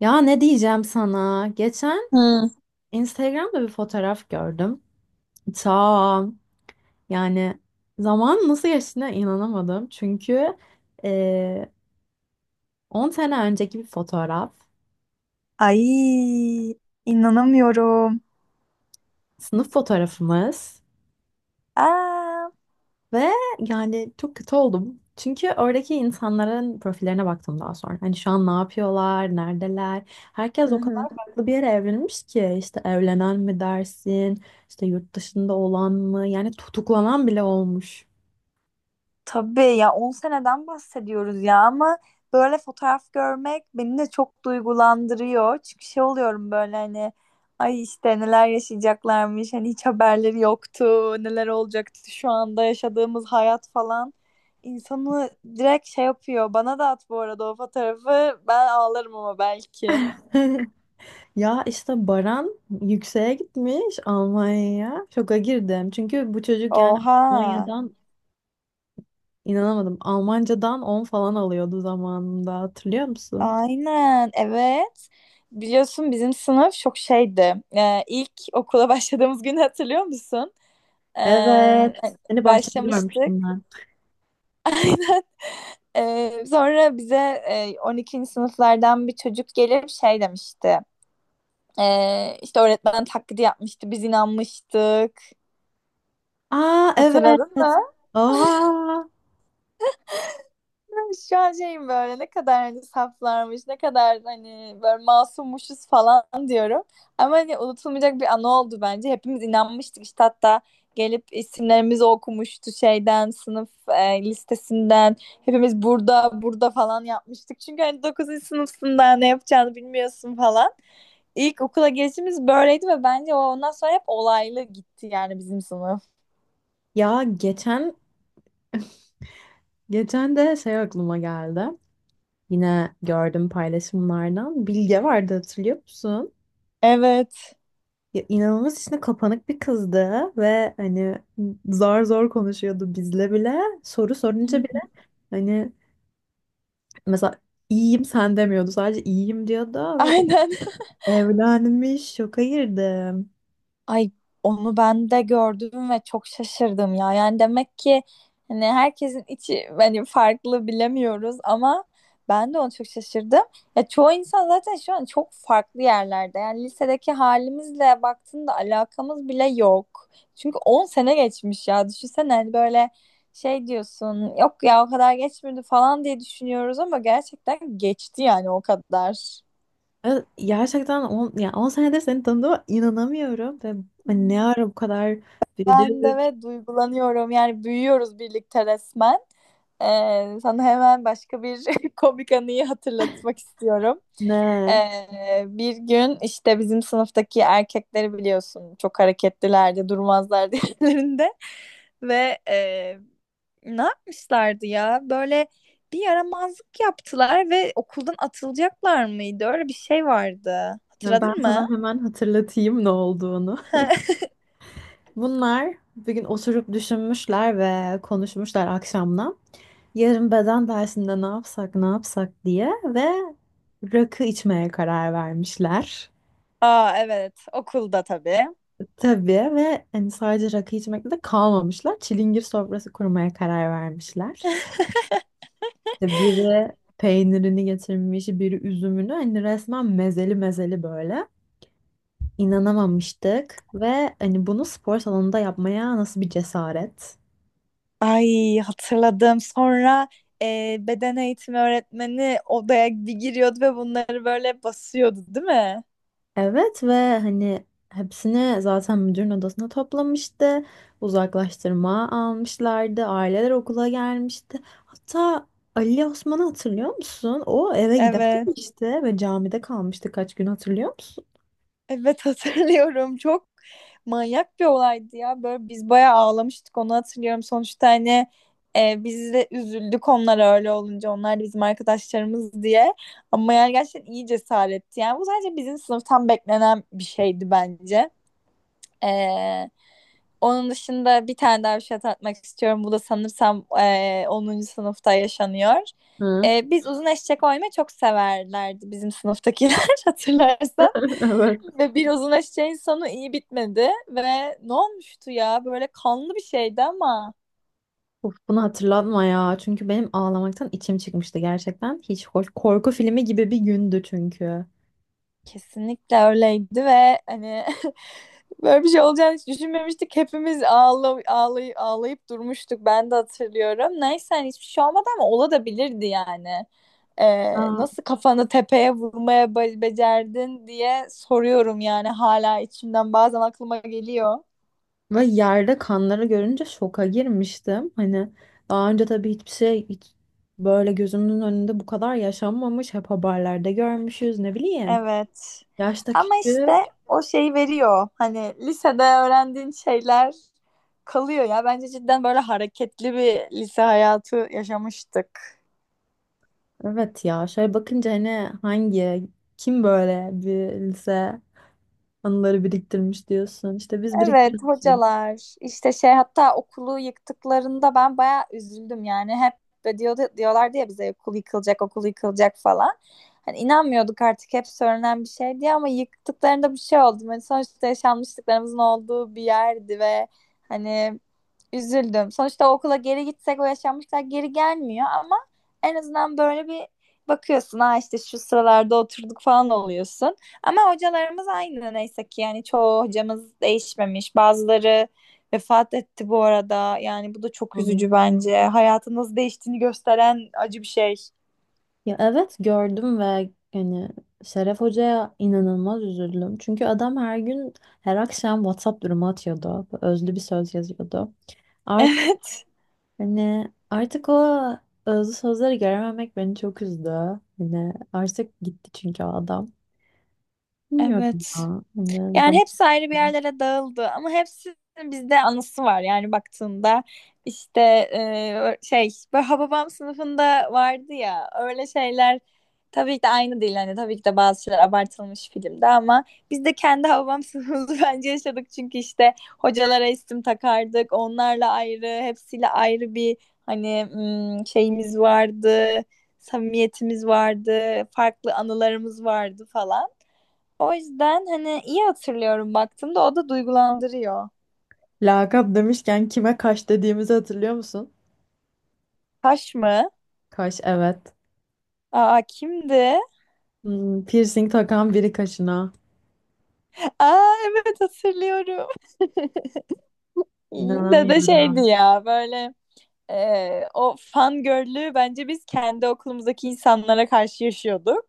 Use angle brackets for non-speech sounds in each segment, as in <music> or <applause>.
Ya ne diyeceğim sana? Geçen Hı. Instagram'da bir fotoğraf gördüm. Ta yani Zaman nasıl geçtiğine inanamadım. Çünkü e, 10 sene önceki bir fotoğraf. Ay inanamıyorum. Sınıf fotoğrafımız. Aa. Ve yani Çok kötü oldum. Çünkü oradaki insanların profillerine baktım daha sonra. Hani şu an ne yapıyorlar, neredeler? Hı Herkes o kadar hı. farklı bir yere evlenmiş ki. İşte evlenen mi dersin, İşte yurt dışında olan mı? Yani tutuklanan bile olmuş. Tabii ya, 10 seneden bahsediyoruz ya, ama böyle fotoğraf görmek beni de çok duygulandırıyor. Çünkü şey oluyorum böyle hani, ay işte neler yaşayacaklarmış, hani hiç haberleri yoktu neler olacaktı şu anda yaşadığımız hayat falan. İnsanı direkt şey yapıyor. Bana da at bu arada o fotoğrafı, ben ağlarım ama belki. <laughs> Ya işte Baran yükseğe gitmiş Almanya'ya. Şoka girdim. Çünkü bu çocuk yani Oha. Almanya'dan inanamadım. Almancadan 10 falan alıyordu zamanında. Hatırlıyor musun? Aynen, evet. Biliyorsun bizim sınıf çok şeydi. İlk okula <laughs> başladığımız günü hatırlıyor musun? Ee, Evet. Seni bahçede Başlamıştık. görmüştüm ben. <laughs> Aynen. Sonra bize 12. sınıflardan bir çocuk gelip şey demişti. İşte öğretmen taklidi yapmıştı, biz inanmıştık. Aa, Hatırladın evet. mı? Aa. <laughs> Şu an şeyim böyle, ne kadar hani saflarmış, ne kadar hani böyle masummuşuz falan diyorum. Ama hani unutulmayacak bir anı oldu bence. Hepimiz inanmıştık işte, hatta gelip isimlerimizi okumuştu şeyden, sınıf listesinden. Hepimiz burada, burada falan yapmıştık. Çünkü hani dokuzuncu sınıfsın, ne yapacağını bilmiyorsun falan. İlk okula gelişimiz böyleydi ve bence o, ondan sonra hep olaylı gitti yani bizim sınıf. Ya geçen de şey aklıma geldi. Yine gördüm paylaşımlardan. Bilge vardı, hatırlıyor musun? Evet. Ya inanılmaz içine kapanık bir kızdı ve hani zar zor konuşuyordu bizle bile. Soru sorunca bile <laughs> hani mesela iyiyim sen demiyordu. Sadece iyiyim diyordu ve o Aynen. evlenmiş. Şoka girdim. Ay, onu ben de gördüm ve çok şaşırdım ya. Yani demek ki hani herkesin içi hani farklı, bilemiyoruz, ama ben de onu çok şaşırdım. Ya, çoğu insan zaten şu an çok farklı yerlerde. Yani lisedeki halimizle baktığında alakamız bile yok. Çünkü 10 sene geçmiş ya. Düşünsene hani böyle şey diyorsun. Yok ya, o kadar geçmedi falan diye düşünüyoruz ama gerçekten geçti yani o kadar. Evet, gerçekten 10, ya 10 senedir seni tanıdığıma inanamıyorum ve hani ne ara bu kadar Ben de, büyüdük. ve duygulanıyorum. Yani büyüyoruz birlikte resmen. Sana hemen başka bir <laughs> komik anıyı hatırlatmak istiyorum. Ne. Bir gün işte bizim sınıftaki erkekleri biliyorsun, çok hareketlilerdi, durmazlardı <laughs> yerlerinde. Ve ne yapmışlardı ya? Böyle bir yaramazlık yaptılar ve okuldan atılacaklar mıydı? Öyle bir şey vardı. Yani ben Hatırladın mı? sana hemen hatırlatayım ne olduğunu. Bunlar bugün oturup düşünmüşler ve konuşmuşlar akşamdan. Yarın beden dersinde ne yapsak ne yapsak diye ve rakı içmeye karar vermişler. Aa, evet, okulda tabii. Tabii ve hani sadece rakı içmekle de kalmamışlar. Çilingir sofrası kurmaya karar vermişler. İşte biri peynirini getirmiş, biri üzümünü. Hani resmen mezeli mezeli böyle. İnanamamıştık ve hani bunu spor salonunda yapmaya nasıl bir cesaret? Ay, hatırladım. Sonra beden eğitimi öğretmeni odaya bir giriyordu ve bunları böyle basıyordu, değil mi? Evet ve hani hepsini zaten müdürün odasına toplamıştı. Uzaklaştırma almışlardı. Aileler okula gelmişti. Hatta Ali Osman'ı hatırlıyor musun? O eve Evet. gidememişti ve camide kalmıştı kaç gün, hatırlıyor musun? Evet, <laughs> hatırlıyorum. Çok manyak bir olaydı ya. Böyle biz bayağı ağlamıştık, onu hatırlıyorum. Sonuçta hani biz de üzüldük onlara öyle olunca. Onlar da bizim arkadaşlarımız diye. Ama yani gerçekten iyi cesaretti. Yani bu sadece bizim sınıftan beklenen bir şeydi bence. Ee, Onun dışında bir tane daha bir şey hatırlatmak istiyorum. Bu da sanırsam 10. sınıfta yaşanıyor. Hı, Biz uzun eşek oynamayı çok severlerdi bizim sınıftakiler <laughs> hatırlarsan. <laughs> evet. Ve bir uzun eşeğin sonu iyi bitmedi ve ne olmuştu ya, böyle kanlı bir şeydi ama. Of, bunu hatırlatma ya. Çünkü benim ağlamaktan içim çıkmıştı gerçekten. Hiç hoş. Korku filmi gibi bir gündü çünkü. Kesinlikle öyleydi ve hani, <laughs> böyle bir şey olacağını hiç düşünmemiştik. Hepimiz ağlayıp durmuştuk. Ben de hatırlıyorum. Neyse hani, hiçbir şey olmadı ama olabilirdi yani. Aa, Nasıl kafanı tepeye vurmaya be becerdin diye soruyorum yani, hala içimden bazen aklıma geliyor. ve yerde kanları görünce şoka girmiştim. Hani daha önce tabii hiçbir şey hiç böyle gözümün önünde bu kadar yaşanmamış. Hep haberlerde görmüşüz, ne bileyim. Evet. Yaşta Ama işte, küçük. o şeyi veriyor. Hani lisede öğrendiğin şeyler kalıyor ya. Bence cidden böyle hareketli bir lise hayatı yaşamıştık. Evet, ya şöyle bakınca hani hangi kim böyle bir lise anıları biriktirmiş diyorsun. İşte biz Evet, biriktirmişiz. hocalar işte şey, hatta okulu yıktıklarında ben bayağı üzüldüm yani. Hep diyorlardı ya bize, okul yıkılacak, okul yıkılacak falan. Hani inanmıyorduk artık, hep söylenen bir şey diye, ama yıktıklarında bir şey oldu. Hani sonuçta yaşanmışlıklarımızın olduğu bir yerdi ve hani üzüldüm. Sonuçta o okula geri gitsek o yaşanmışlar geri gelmiyor, ama en azından böyle bir bakıyorsun, ha işte şu sıralarda oturduk falan oluyorsun. Ama hocalarımız aynı neyse ki, yani çoğu hocamız değişmemiş. Bazıları vefat etti bu arada. Yani bu da çok üzücü bence. Hayatın nasıl değiştiğini gösteren acı bir şey. <laughs> Ya evet, gördüm ve yani Şeref Hoca'ya inanılmaz üzüldüm. Çünkü adam her gün her akşam WhatsApp durumu atıyordu. Özlü bir söz yazıyordu. Art Evet. Hani artık o özlü sözleri görememek beni çok üzdü. Hani artık gitti çünkü o adam. Bilmiyorum Evet. ya. Hani Yani zam-. hepsi ayrı bir yerlere dağıldı, ama hepsinin bizde anısı var. Yani baktığında işte şey, böyle Hababam sınıfında vardı ya öyle şeyler, tabii ki de aynı değil. Hani tabii ki de bazı şeyler abartılmış filmde, ama biz de kendi Hababam sınıfımızı <laughs> bence yaşadık. Çünkü işte hocalara isim takardık. Onlarla ayrı, hepsiyle ayrı bir hani şeyimiz vardı. Samimiyetimiz vardı, farklı anılarımız vardı falan. O yüzden hani iyi hatırlıyorum, baktığımda o da duygulandırıyor. Lakap demişken kime kaş dediğimizi hatırlıyor musun? Taş mı? Kaş, evet. Aa, kimdi? Hmm, piercing takan biri kaşına. <laughs> Aa, evet, hatırlıyorum. <laughs> Yine de şeydi İnanamıyorum. ya böyle, o fangirl'lüğü bence biz kendi okulumuzdaki insanlara karşı yaşıyorduk.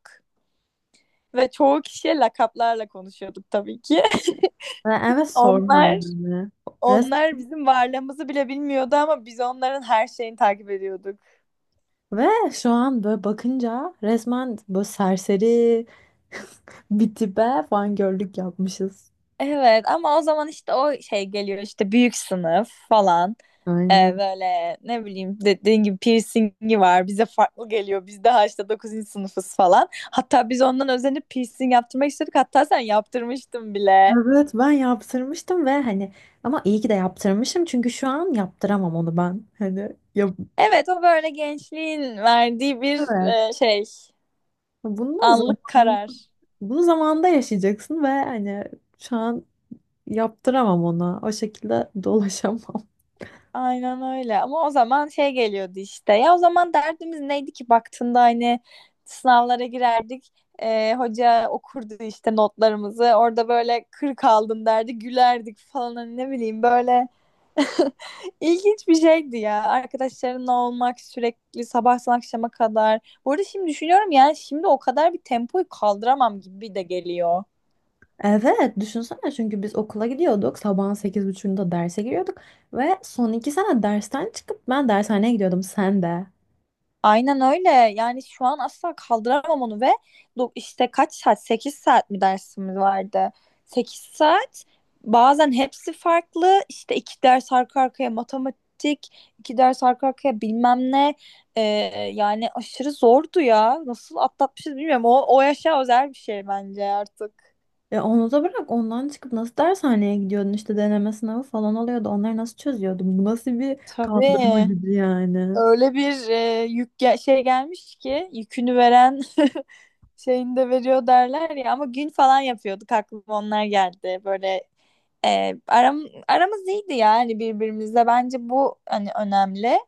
Ve çoğu kişiye lakaplarla konuşuyorduk tabii ki. Ve <laughs> evet, sorma Onlar yani. onlar bizim varlığımızı bile bilmiyordu, ama biz onların her şeyini takip ediyorduk. Ve şu an böyle bakınca resmen böyle serseri <laughs> bir tipe fangirllik yapmışız. Evet, ama o zaman işte o şey geliyor, işte büyük sınıf falan. Aynen. Böyle, ne bileyim, dediğin gibi piercingi var, bize farklı geliyor, biz daha işte 9. sınıfız falan. Hatta biz ondan özenip piercing yaptırmak istedik, hatta sen yaptırmıştın bile. Evet, ben yaptırmıştım ve hani ama iyi ki de yaptırmışım çünkü şu an yaptıramam onu ben. Hani yap. Evet, o böyle gençliğin verdiği bir Evet. Şey, Bunu anlık zaman karar. Bunu zamanda yaşayacaksın ve hani şu an yaptıramam ona. O şekilde <laughs> dolaşamam. Aynen öyle, ama o zaman şey geliyordu işte, ya, o zaman derdimiz neydi ki baktığında? Hani sınavlara girerdik, hoca okurdu işte notlarımızı orada, böyle 40 aldım derdi, gülerdik falan, hani ne bileyim, böyle <laughs> ilginç bir şeydi ya, arkadaşlarınla olmak sürekli sabahtan akşama kadar. Bu arada şimdi düşünüyorum yani, şimdi o kadar bir tempoyu kaldıramam gibi de geliyor. Evet, düşünsene çünkü biz okula gidiyorduk. Sabahın 8:30'da derse giriyorduk. Ve son iki sene dersten çıkıp ben dershaneye gidiyordum, sen de. Aynen öyle. Yani şu an asla kaldıramam onu. Ve işte kaç saat? 8 saat mi dersimiz vardı? 8 saat. Bazen hepsi farklı. İşte iki ders arka arkaya matematik, iki ders arka arkaya bilmem ne. Ee, Yani aşırı zordu ya. Nasıl atlatmışız bilmiyorum. O yaşa özel bir şey bence artık. E onu da bırak, ondan çıkıp nasıl dershaneye gidiyordun, işte deneme sınavı falan oluyordu. Onları nasıl çözüyordun? Bu nasıl bir kaldırma Tabii. gücü yani? Öyle bir şey gelmiş ki, yükünü veren <laughs> şeyini de veriyor derler ya, ama gün falan yapıyorduk, aklıma onlar geldi böyle. e, aram, Aramız iyiydi yani birbirimizle, bence bu hani önemli.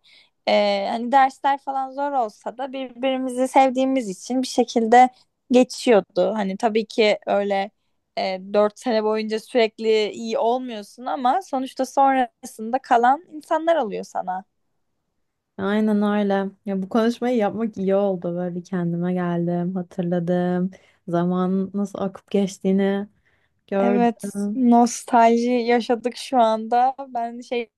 Hani dersler falan zor olsa da, birbirimizi sevdiğimiz için bir şekilde geçiyordu. Hani tabii ki öyle, 4 sene boyunca sürekli iyi olmuyorsun, ama sonuçta sonrasında kalan insanlar oluyor sana. Aynen öyle. Ya bu konuşmayı yapmak iyi oldu. Böyle bir kendime geldim, hatırladım. Zaman nasıl akıp geçtiğini Evet, gördüm. nostalji yaşadık şu anda. Ben şey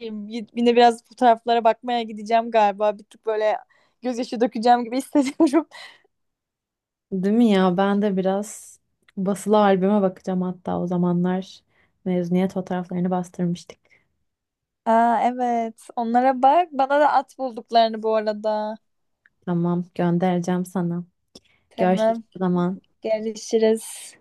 Yine biraz fotoğraflara bakmaya gideceğim galiba. Bir tık böyle gözyaşı dökeceğim gibi hissediyorum. Değil mi ya? Ben de biraz basılı albüme bakacağım, hatta o zamanlar mezuniyet fotoğraflarını bastırmıştık. <laughs> Aa, evet. Onlara bak. Bana da at bulduklarını bu arada. Tamam, göndereceğim sana. Görüşürüz Tamam. o zaman. Görüşürüz.